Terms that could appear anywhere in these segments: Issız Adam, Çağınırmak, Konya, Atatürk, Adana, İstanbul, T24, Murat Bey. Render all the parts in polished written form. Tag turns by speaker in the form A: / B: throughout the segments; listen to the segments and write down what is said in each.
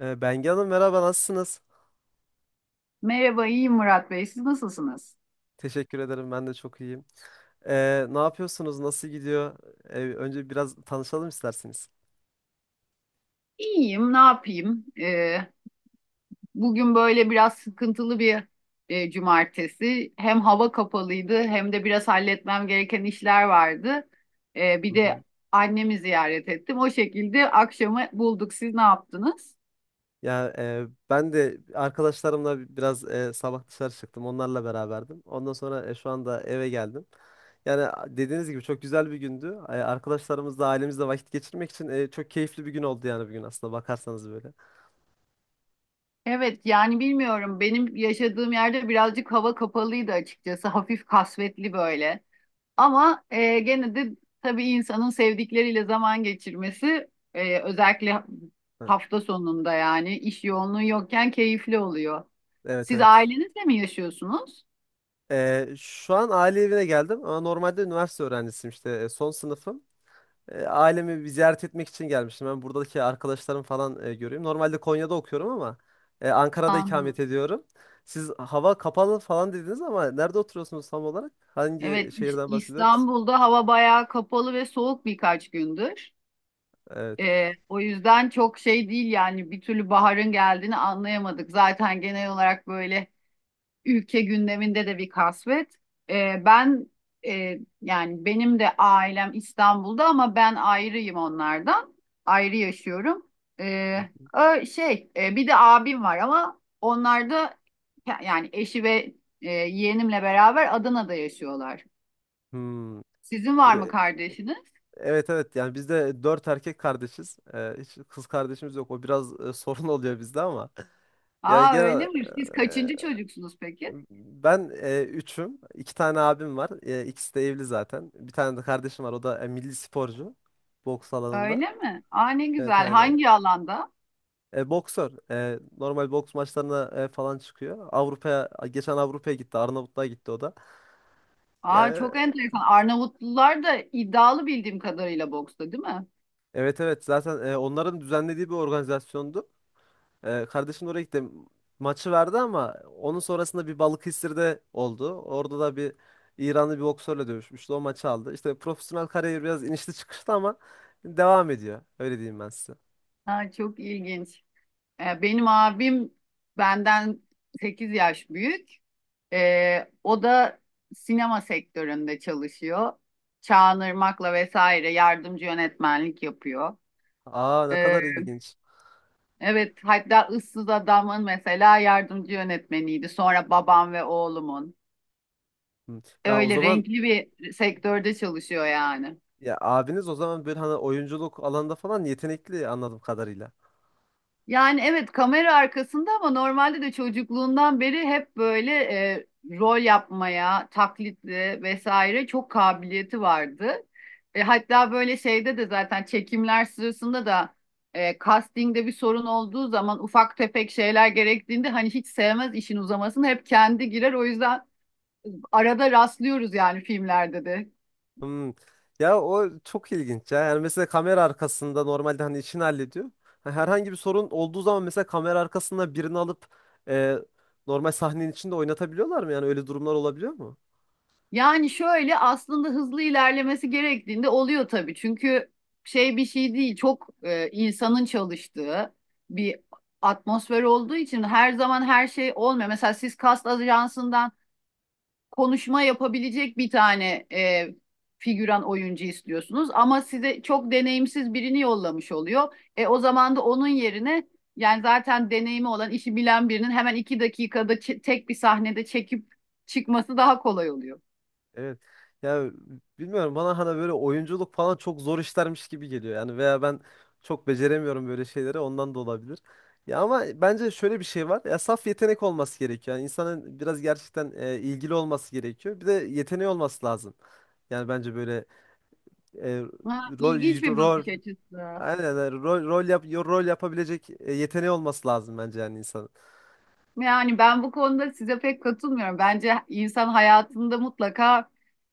A: Bengi Hanım, merhaba, nasılsınız?
B: Merhaba, iyiyim Murat Bey. Siz nasılsınız?
A: Teşekkür ederim, ben de çok iyiyim. Ne yapıyorsunuz? Nasıl gidiyor? Önce biraz tanışalım isterseniz.
B: İyiyim, ne yapayım? Bugün böyle biraz sıkıntılı bir cumartesi. Hem hava kapalıydı hem de biraz halletmem gereken işler vardı.
A: Hı
B: Bir
A: hı.
B: de annemi ziyaret ettim. O şekilde akşamı bulduk. Siz ne yaptınız?
A: Ya, ben de arkadaşlarımla biraz sabah dışarı çıktım. Onlarla beraberdim. Ondan sonra şu anda eve geldim. Yani, dediğiniz gibi çok güzel bir gündü. Arkadaşlarımızla, ailemizle vakit geçirmek için çok keyifli bir gün oldu yani, bugün aslında bakarsanız böyle.
B: Evet, yani bilmiyorum. Benim yaşadığım yerde birazcık hava kapalıydı açıkçası. Hafif kasvetli böyle. Ama gene de tabii insanın sevdikleriyle zaman geçirmesi, özellikle
A: Evet.
B: hafta sonunda yani iş yoğunluğu yokken keyifli oluyor.
A: Evet
B: Siz
A: evet.
B: ailenizle mi yaşıyorsunuz?
A: Şu an aile evine geldim ama normalde üniversite öğrencisiyim, işte son sınıfım. Ailemi bir ziyaret etmek için gelmiştim. Ben buradaki arkadaşlarım falan göreyim. Normalde Konya'da okuyorum ama Ankara'da
B: Anladım.
A: ikamet ediyorum. Siz hava kapalı falan dediniz ama nerede oturuyorsunuz tam olarak? Hangi
B: Evet,
A: şehirden bahsediyoruz?
B: İstanbul'da hava bayağı kapalı ve soğuk birkaç gündür.
A: Evet.
B: O yüzden çok şey değil yani bir türlü baharın geldiğini anlayamadık. Zaten genel olarak böyle ülke gündeminde de bir kasvet. Ee, ben Yani benim de ailem İstanbul'da ama ben ayrıyım onlardan. Ayrı yaşıyorum. Ee, Bir de abim var ama onlar da yani eşi ve yeğenimle beraber Adana'da yaşıyorlar.
A: Hmm.
B: Sizin var mı
A: E,
B: kardeşiniz?
A: Evet evet, yani biz de dört erkek kardeşiz. Hiç kız kardeşimiz yok. O biraz sorun oluyor bizde ama. Yani
B: Aa öyle
A: genel.
B: mi? Siz kaçıncı çocuksunuz peki?
A: Ben üçüm. İki tane abim var. İkisi de evli zaten. Bir tane de kardeşim var. O da milli sporcu. Boks alanında.
B: Öyle mi? Aa ne
A: Evet,
B: güzel.
A: aynen.
B: Hangi alanda?
A: Boksör. Normal boks maçlarına falan çıkıyor. Avrupa'ya, geçen Avrupa'ya gitti. Arnavutluğa gitti o da.
B: Aa
A: Yani,
B: çok enteresan. Arnavutlular da iddialı bildiğim kadarıyla boksta, değil mi?
A: evet evet, zaten onların düzenlediği bir organizasyondu. Kardeşim de oraya gitti. Maçı verdi ama onun sonrasında bir Balıkesir'de oldu. Orada da bir İranlı bir boksörle dövüşmüştü. O maçı aldı. İşte profesyonel kariyeri biraz inişli çıkışlı ama devam ediyor. Öyle diyeyim ben size.
B: Aa, çok ilginç. Benim abim benden 8 yaş büyük. O da sinema sektöründe çalışıyor. Çağınırmak'la vesaire yardımcı yönetmenlik yapıyor.
A: Aa, ne
B: Ee,
A: kadar ilginç.
B: evet, hatta Issız Adam'ın mesela yardımcı yönetmeniydi. Sonra babam ve oğlumun.
A: Hı. Ya, o
B: Öyle
A: zaman.
B: renkli bir sektörde çalışıyor yani.
A: Ya, abiniz o zaman böyle hani oyunculuk alanında falan yetenekli, anladığım kadarıyla.
B: Yani evet, kamera arkasında ama normalde de çocukluğundan beri hep böyle rol yapmaya, taklitli vesaire çok kabiliyeti vardı. Hatta böyle şeyde de zaten çekimler sırasında da castingde bir sorun olduğu zaman ufak tefek şeyler gerektiğinde hani hiç sevmez işin uzamasını, hep kendi girer. O yüzden arada rastlıyoruz yani filmlerde de.
A: Hmm. Ya, o çok ilginç ya. Yani mesela kamera arkasında normalde hani işini hallediyor. Ha, herhangi bir sorun olduğu zaman mesela kamera arkasında birini alıp e, normal sahnenin içinde oynatabiliyorlar mı? Yani öyle durumlar olabiliyor mu?
B: Yani şöyle, aslında hızlı ilerlemesi gerektiğinde oluyor tabii. Çünkü şey, bir şey değil çok insanın çalıştığı bir atmosfer olduğu için her zaman her şey olmuyor. Mesela siz kast ajansından konuşma yapabilecek bir tane figüran oyuncu istiyorsunuz ama size çok deneyimsiz birini yollamış oluyor. E, o zaman da onun yerine yani zaten deneyimi olan, işi bilen birinin hemen 2 dakikada tek bir sahnede çekip çıkması daha kolay oluyor.
A: Evet. Ya, bilmiyorum, bana hani böyle oyunculuk falan çok zor işlermiş gibi geliyor. Yani veya ben çok beceremiyorum böyle şeyleri, ondan da olabilir. Ya, ama bence şöyle bir şey var. Ya, saf yetenek olması gerekiyor. Yani insanın biraz gerçekten ilgili olması gerekiyor. Bir de yeteneği olması lazım. Yani bence böyle e,
B: Ha,
A: rol
B: ilginç bir
A: rol
B: bakış açısı.
A: aynen yani, rol yapabilecek yeteneği olması lazım bence yani insanın.
B: Yani ben bu konuda size pek katılmıyorum. Bence insan hayatında mutlaka,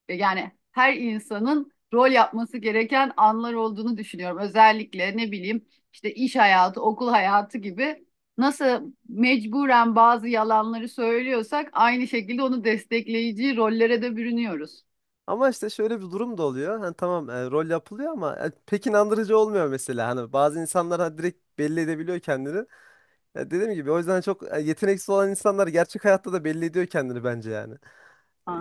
B: yani her insanın rol yapması gereken anlar olduğunu düşünüyorum. Özellikle ne bileyim işte iş hayatı, okul hayatı gibi nasıl mecburen bazı yalanları söylüyorsak aynı şekilde onu destekleyici rollere de bürünüyoruz.
A: Ama işte şöyle bir durum da oluyor. Hani tamam, rol yapılıyor ama pek inandırıcı olmuyor mesela. Hani bazı insanlar hani direkt belli edebiliyor kendini. Ya, dediğim gibi o yüzden çok yeteneksiz olan insanlar gerçek hayatta da belli ediyor kendini bence yani.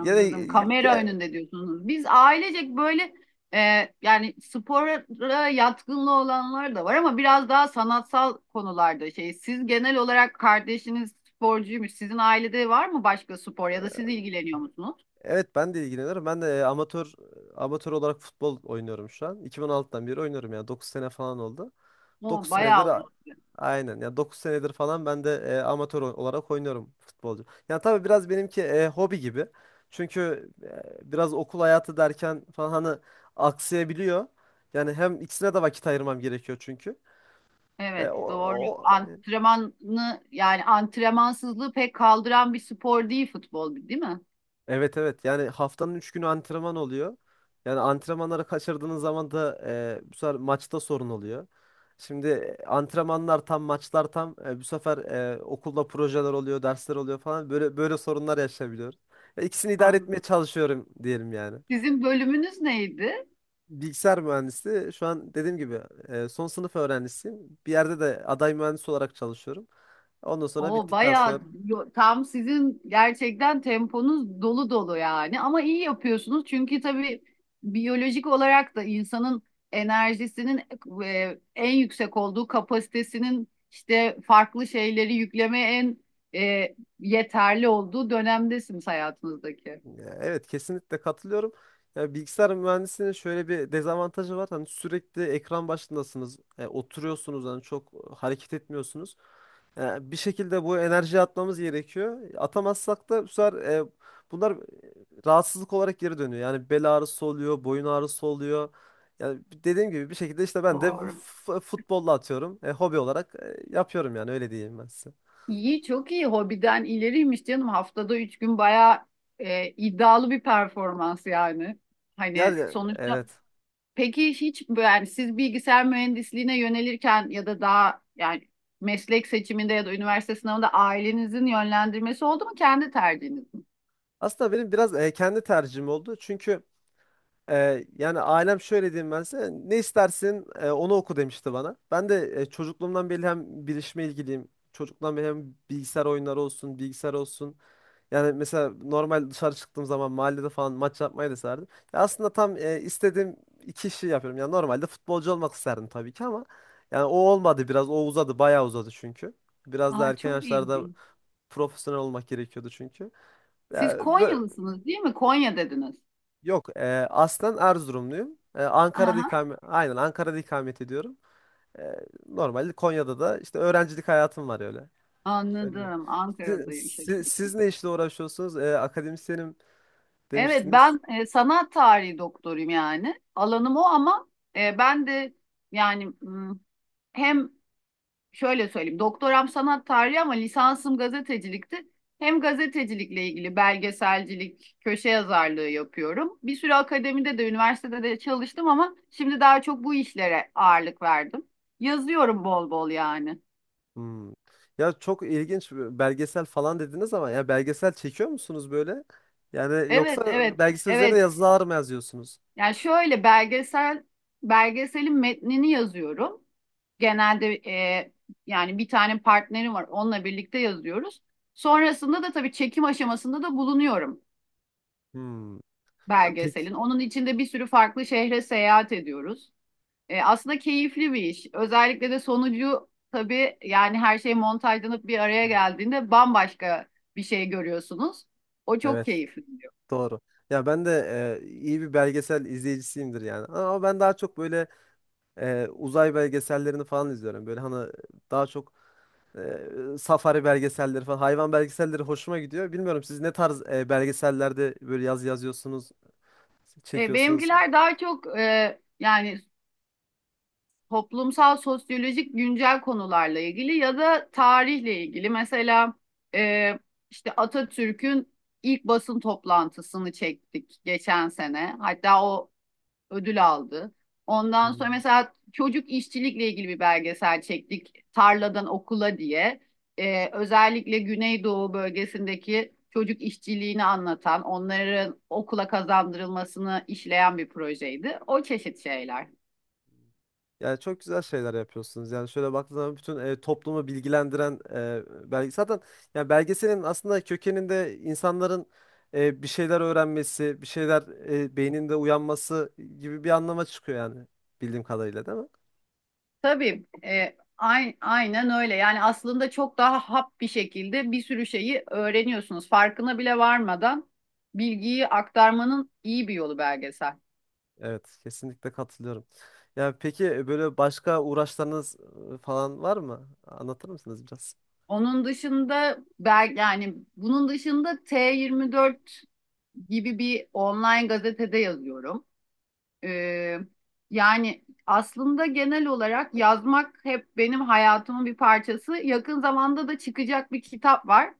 A: Gene
B: Kamera
A: ge-
B: önünde diyorsunuz. Biz ailecek böyle e, yani spora yatkınlığı olanlar da var ama biraz daha sanatsal konularda şey. Siz genel olarak, kardeşiniz sporcuymuş. Sizin ailede var mı başka spor ya da siz ilgileniyor musunuz?
A: evet, ben de ilgileniyorum. Ben de amatör olarak futbol oynuyorum şu an. 2016'dan beri oynuyorum yani 9 sene falan oldu. 9
B: O
A: senedir
B: bayağı
A: a-
B: uzun süre.
A: aynen ya, 9 senedir falan ben de amatör olarak oynuyorum, futbolcu. Yani tabii biraz benimki hobi gibi. Çünkü biraz okul hayatı derken falan hani aksayabiliyor. Yani hem ikisine de vakit ayırmam gerekiyor çünkü. E,
B: Evet doğru.
A: o,
B: Antrenmanı yani antrenmansızlığı pek kaldıran bir spor değil futbol, değil mi?
A: Evet evet, yani haftanın 3 günü antrenman oluyor. Yani antrenmanları kaçırdığınız zaman da bu sefer maçta sorun oluyor. Şimdi antrenmanlar tam, maçlar tam, bu sefer okulda projeler oluyor, dersler oluyor falan, böyle böyle sorunlar yaşayabiliyoruz. Ve İkisini idare etmeye
B: Anladım.
A: çalışıyorum diyelim yani.
B: Sizin bölümünüz neydi?
A: Bilgisayar mühendisi şu an, dediğim gibi, son sınıf öğrencisiyim. Bir yerde de aday mühendis olarak çalışıyorum. Ondan sonra
B: O
A: bittikten sonra.
B: bayağı tam, sizin gerçekten temponuz dolu dolu yani, ama iyi yapıyorsunuz çünkü tabii biyolojik olarak da insanın enerjisinin en yüksek olduğu, kapasitesinin işte farklı şeyleri yüklemeye en yeterli olduğu dönemdesiniz hayatınızdaki.
A: Ya, evet, kesinlikle katılıyorum. Ya, bilgisayar mühendisliğinin şöyle bir dezavantajı var. Hani sürekli ekran başındasınız. Oturuyorsunuz, hani çok hareket etmiyorsunuz. Bir şekilde bu enerjiyi atmamız gerekiyor. Atamazsak da bu sefer bunlar rahatsızlık olarak geri dönüyor. Yani bel ağrısı oluyor, boyun ağrısı oluyor. Yani dediğim gibi bir şekilde işte ben de bu
B: Doğru.
A: futbolla atıyorum. Hobi olarak yapıyorum yani, öyle diyeyim ben size.
B: İyi, çok iyi, hobiden ileriymiş canım, haftada üç gün bayağı iddialı bir performans yani. Hani
A: Yani,
B: sonuçta.
A: evet.
B: Peki hiç yani siz bilgisayar mühendisliğine yönelirken ya da daha yani meslek seçiminde ya da üniversite sınavında ailenizin yönlendirmesi oldu mu, kendi tercihiniz mi?
A: Aslında benim biraz kendi tercihim oldu. Çünkü yani ailem, şöyle diyeyim ben size. Ne istersin, onu oku demişti bana. Ben de çocukluğumdan beri hem bilişime ilgiliyim. Çocukluğumdan beri hem bilgisayar oyunları olsun, bilgisayar olsun. Yani mesela normal dışarı çıktığım zaman mahallede falan maç yapmayı da isterdim. Ya, aslında tam istediğim iki işi yapıyorum. Yani normalde futbolcu olmak isterdim tabii ki ama yani o olmadı biraz. O uzadı, bayağı uzadı çünkü. Biraz da
B: Aa,
A: erken
B: çok
A: yaşlarda
B: ilginç.
A: profesyonel olmak gerekiyordu çünkü.
B: Siz Konyalısınız değil mi? Konya dediniz.
A: Yok, aslen Erzurumluyum. Ankara'da
B: Aha,
A: ikamet, aynen Ankara'da ikamet ediyorum. E, Normalde Konya'da da işte öğrencilik hayatım var öyle. Öyle de.
B: anladım.
A: Siz,
B: Ankara'dayım,
A: siz,
B: şaşırdım.
A: siz ne işle uğraşıyorsunuz? Akademisyenim
B: Evet,
A: demiştiniz.
B: ben sanat tarihi doktoruyum yani. Alanım o ama e, ben de yani hmm, hem şöyle söyleyeyim. Doktoram sanat tarihi ama lisansım gazetecilikti. Hem gazetecilikle ilgili belgeselcilik, köşe yazarlığı yapıyorum. Bir süre akademide de, üniversitede de çalıştım, ama şimdi daha çok bu işlere ağırlık verdim. Yazıyorum bol bol yani.
A: Hmm. Ya, çok ilginç, belgesel falan dediniz ama ya, belgesel çekiyor musunuz böyle? Yani
B: Evet,
A: yoksa
B: evet,
A: belgesel üzerine
B: evet.
A: yazılar mı yazıyorsunuz?
B: Yani şöyle, belgeselin metnini yazıyorum. Genelde yani bir tane partnerim var. Onunla birlikte yazıyoruz. Sonrasında da tabii çekim aşamasında da bulunuyorum
A: Hmm. Ya, peki,
B: belgeselin. Onun içinde bir sürü farklı şehre seyahat ediyoruz. E, aslında keyifli bir iş. Özellikle de sonucu tabii, yani her şey montajlanıp bir araya geldiğinde bambaşka bir şey görüyorsunuz. O çok
A: evet,
B: keyifli diyor.
A: doğru. Ya, ben de iyi bir belgesel izleyicisiyimdir yani. Ama ben daha çok böyle uzay belgesellerini falan izliyorum. Böyle hani daha çok safari belgeselleri falan, hayvan belgeselleri hoşuma gidiyor. Bilmiyorum, siz ne tarz belgesellerde böyle yazıyorsunuz,
B: E,
A: çekiyorsunuz.
B: benimkiler daha çok yani toplumsal, sosyolojik, güncel konularla ilgili ya da tarihle ilgili. Mesela e, işte Atatürk'ün ilk basın toplantısını çektik geçen sene. Hatta o ödül aldı. Ondan sonra
A: Hmm.
B: mesela çocuk işçilikle ilgili bir belgesel çektik, Tarladan Okula diye. Özellikle Güneydoğu bölgesindeki çocuk işçiliğini anlatan, onların okula kazandırılmasını işleyen bir projeydi. O çeşit şeyler.
A: Yani çok güzel şeyler yapıyorsunuz. Yani şöyle baktığınız zaman bütün toplumu bilgilendiren e, belge zaten yani belgeselin aslında kökeninde insanların bir şeyler öğrenmesi, bir şeyler beyninde uyanması gibi bir anlama çıkıyor yani, bildiğim kadarıyla, değil mi?
B: Tabii, aynen öyle. Yani aslında çok daha hap bir şekilde bir sürü şeyi öğreniyorsunuz. Farkına bile varmadan bilgiyi aktarmanın iyi bir yolu belgesel.
A: Evet, kesinlikle katılıyorum. Ya peki, böyle başka uğraşlarınız falan var mı? Anlatır mısınız biraz?
B: Onun dışında, belki yani bunun dışında T24 gibi bir online gazetede yazıyorum. Ee, Yani aslında genel olarak yazmak hep benim hayatımın bir parçası. Yakın zamanda da çıkacak bir kitap var.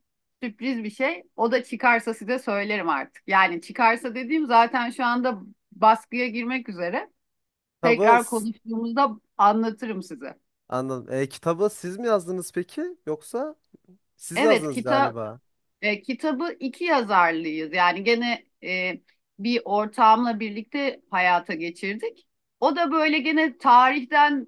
B: Sürpriz bir şey. O da çıkarsa size söylerim artık. Yani çıkarsa dediğim, zaten şu anda baskıya girmek üzere.
A: Kitabı
B: Tekrar
A: s-
B: konuştuğumuzda anlatırım size.
A: Anladım. Kitabı siz mi yazdınız peki? Yoksa siz
B: Evet,
A: yazdınız
B: kitap.
A: galiba.
B: E, kitabı iki yazarlıyız. Yani gene bir ortağımla birlikte hayata geçirdik. O da böyle gene tarihten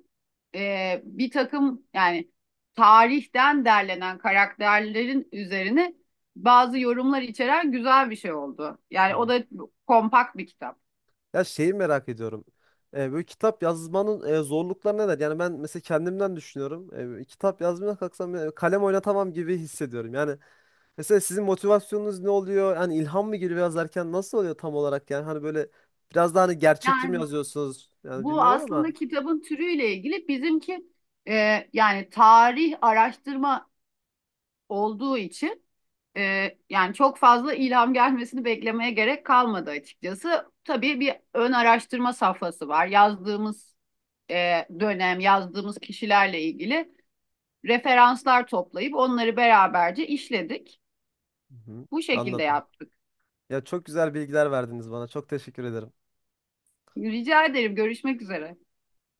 B: bir takım yani tarihten derlenen karakterlerin üzerine bazı yorumlar içeren güzel bir şey oldu. Yani o
A: Hı.
B: da kompakt bir kitap.
A: Ya, şeyi merak ediyorum. Böyle kitap yazmanın zorlukları neler? Yani ben mesela kendimden düşünüyorum. Böyle kitap yazmaya kalksam kalem oynatamam gibi hissediyorum. Yani mesela sizin motivasyonunuz ne oluyor? Yani ilham mı geliyor yazarken, nasıl oluyor tam olarak? Yani hani böyle biraz daha hani gerçekçi mi
B: Yani
A: yazıyorsunuz? Yani
B: bu
A: bilmiyorum ama.
B: aslında kitabın türüyle ilgili, bizimki yani tarih araştırma olduğu için. Yani çok fazla ilham gelmesini beklemeye gerek kalmadı açıkçası. Tabii bir ön araştırma safhası var. Yazdığımız dönem, yazdığımız kişilerle ilgili referanslar toplayıp onları beraberce işledik.
A: Hı hı,
B: Bu şekilde
A: anladım.
B: yaptık.
A: Ya, çok güzel bilgiler verdiniz bana. Çok teşekkür ederim.
B: Rica ederim, görüşmek üzere.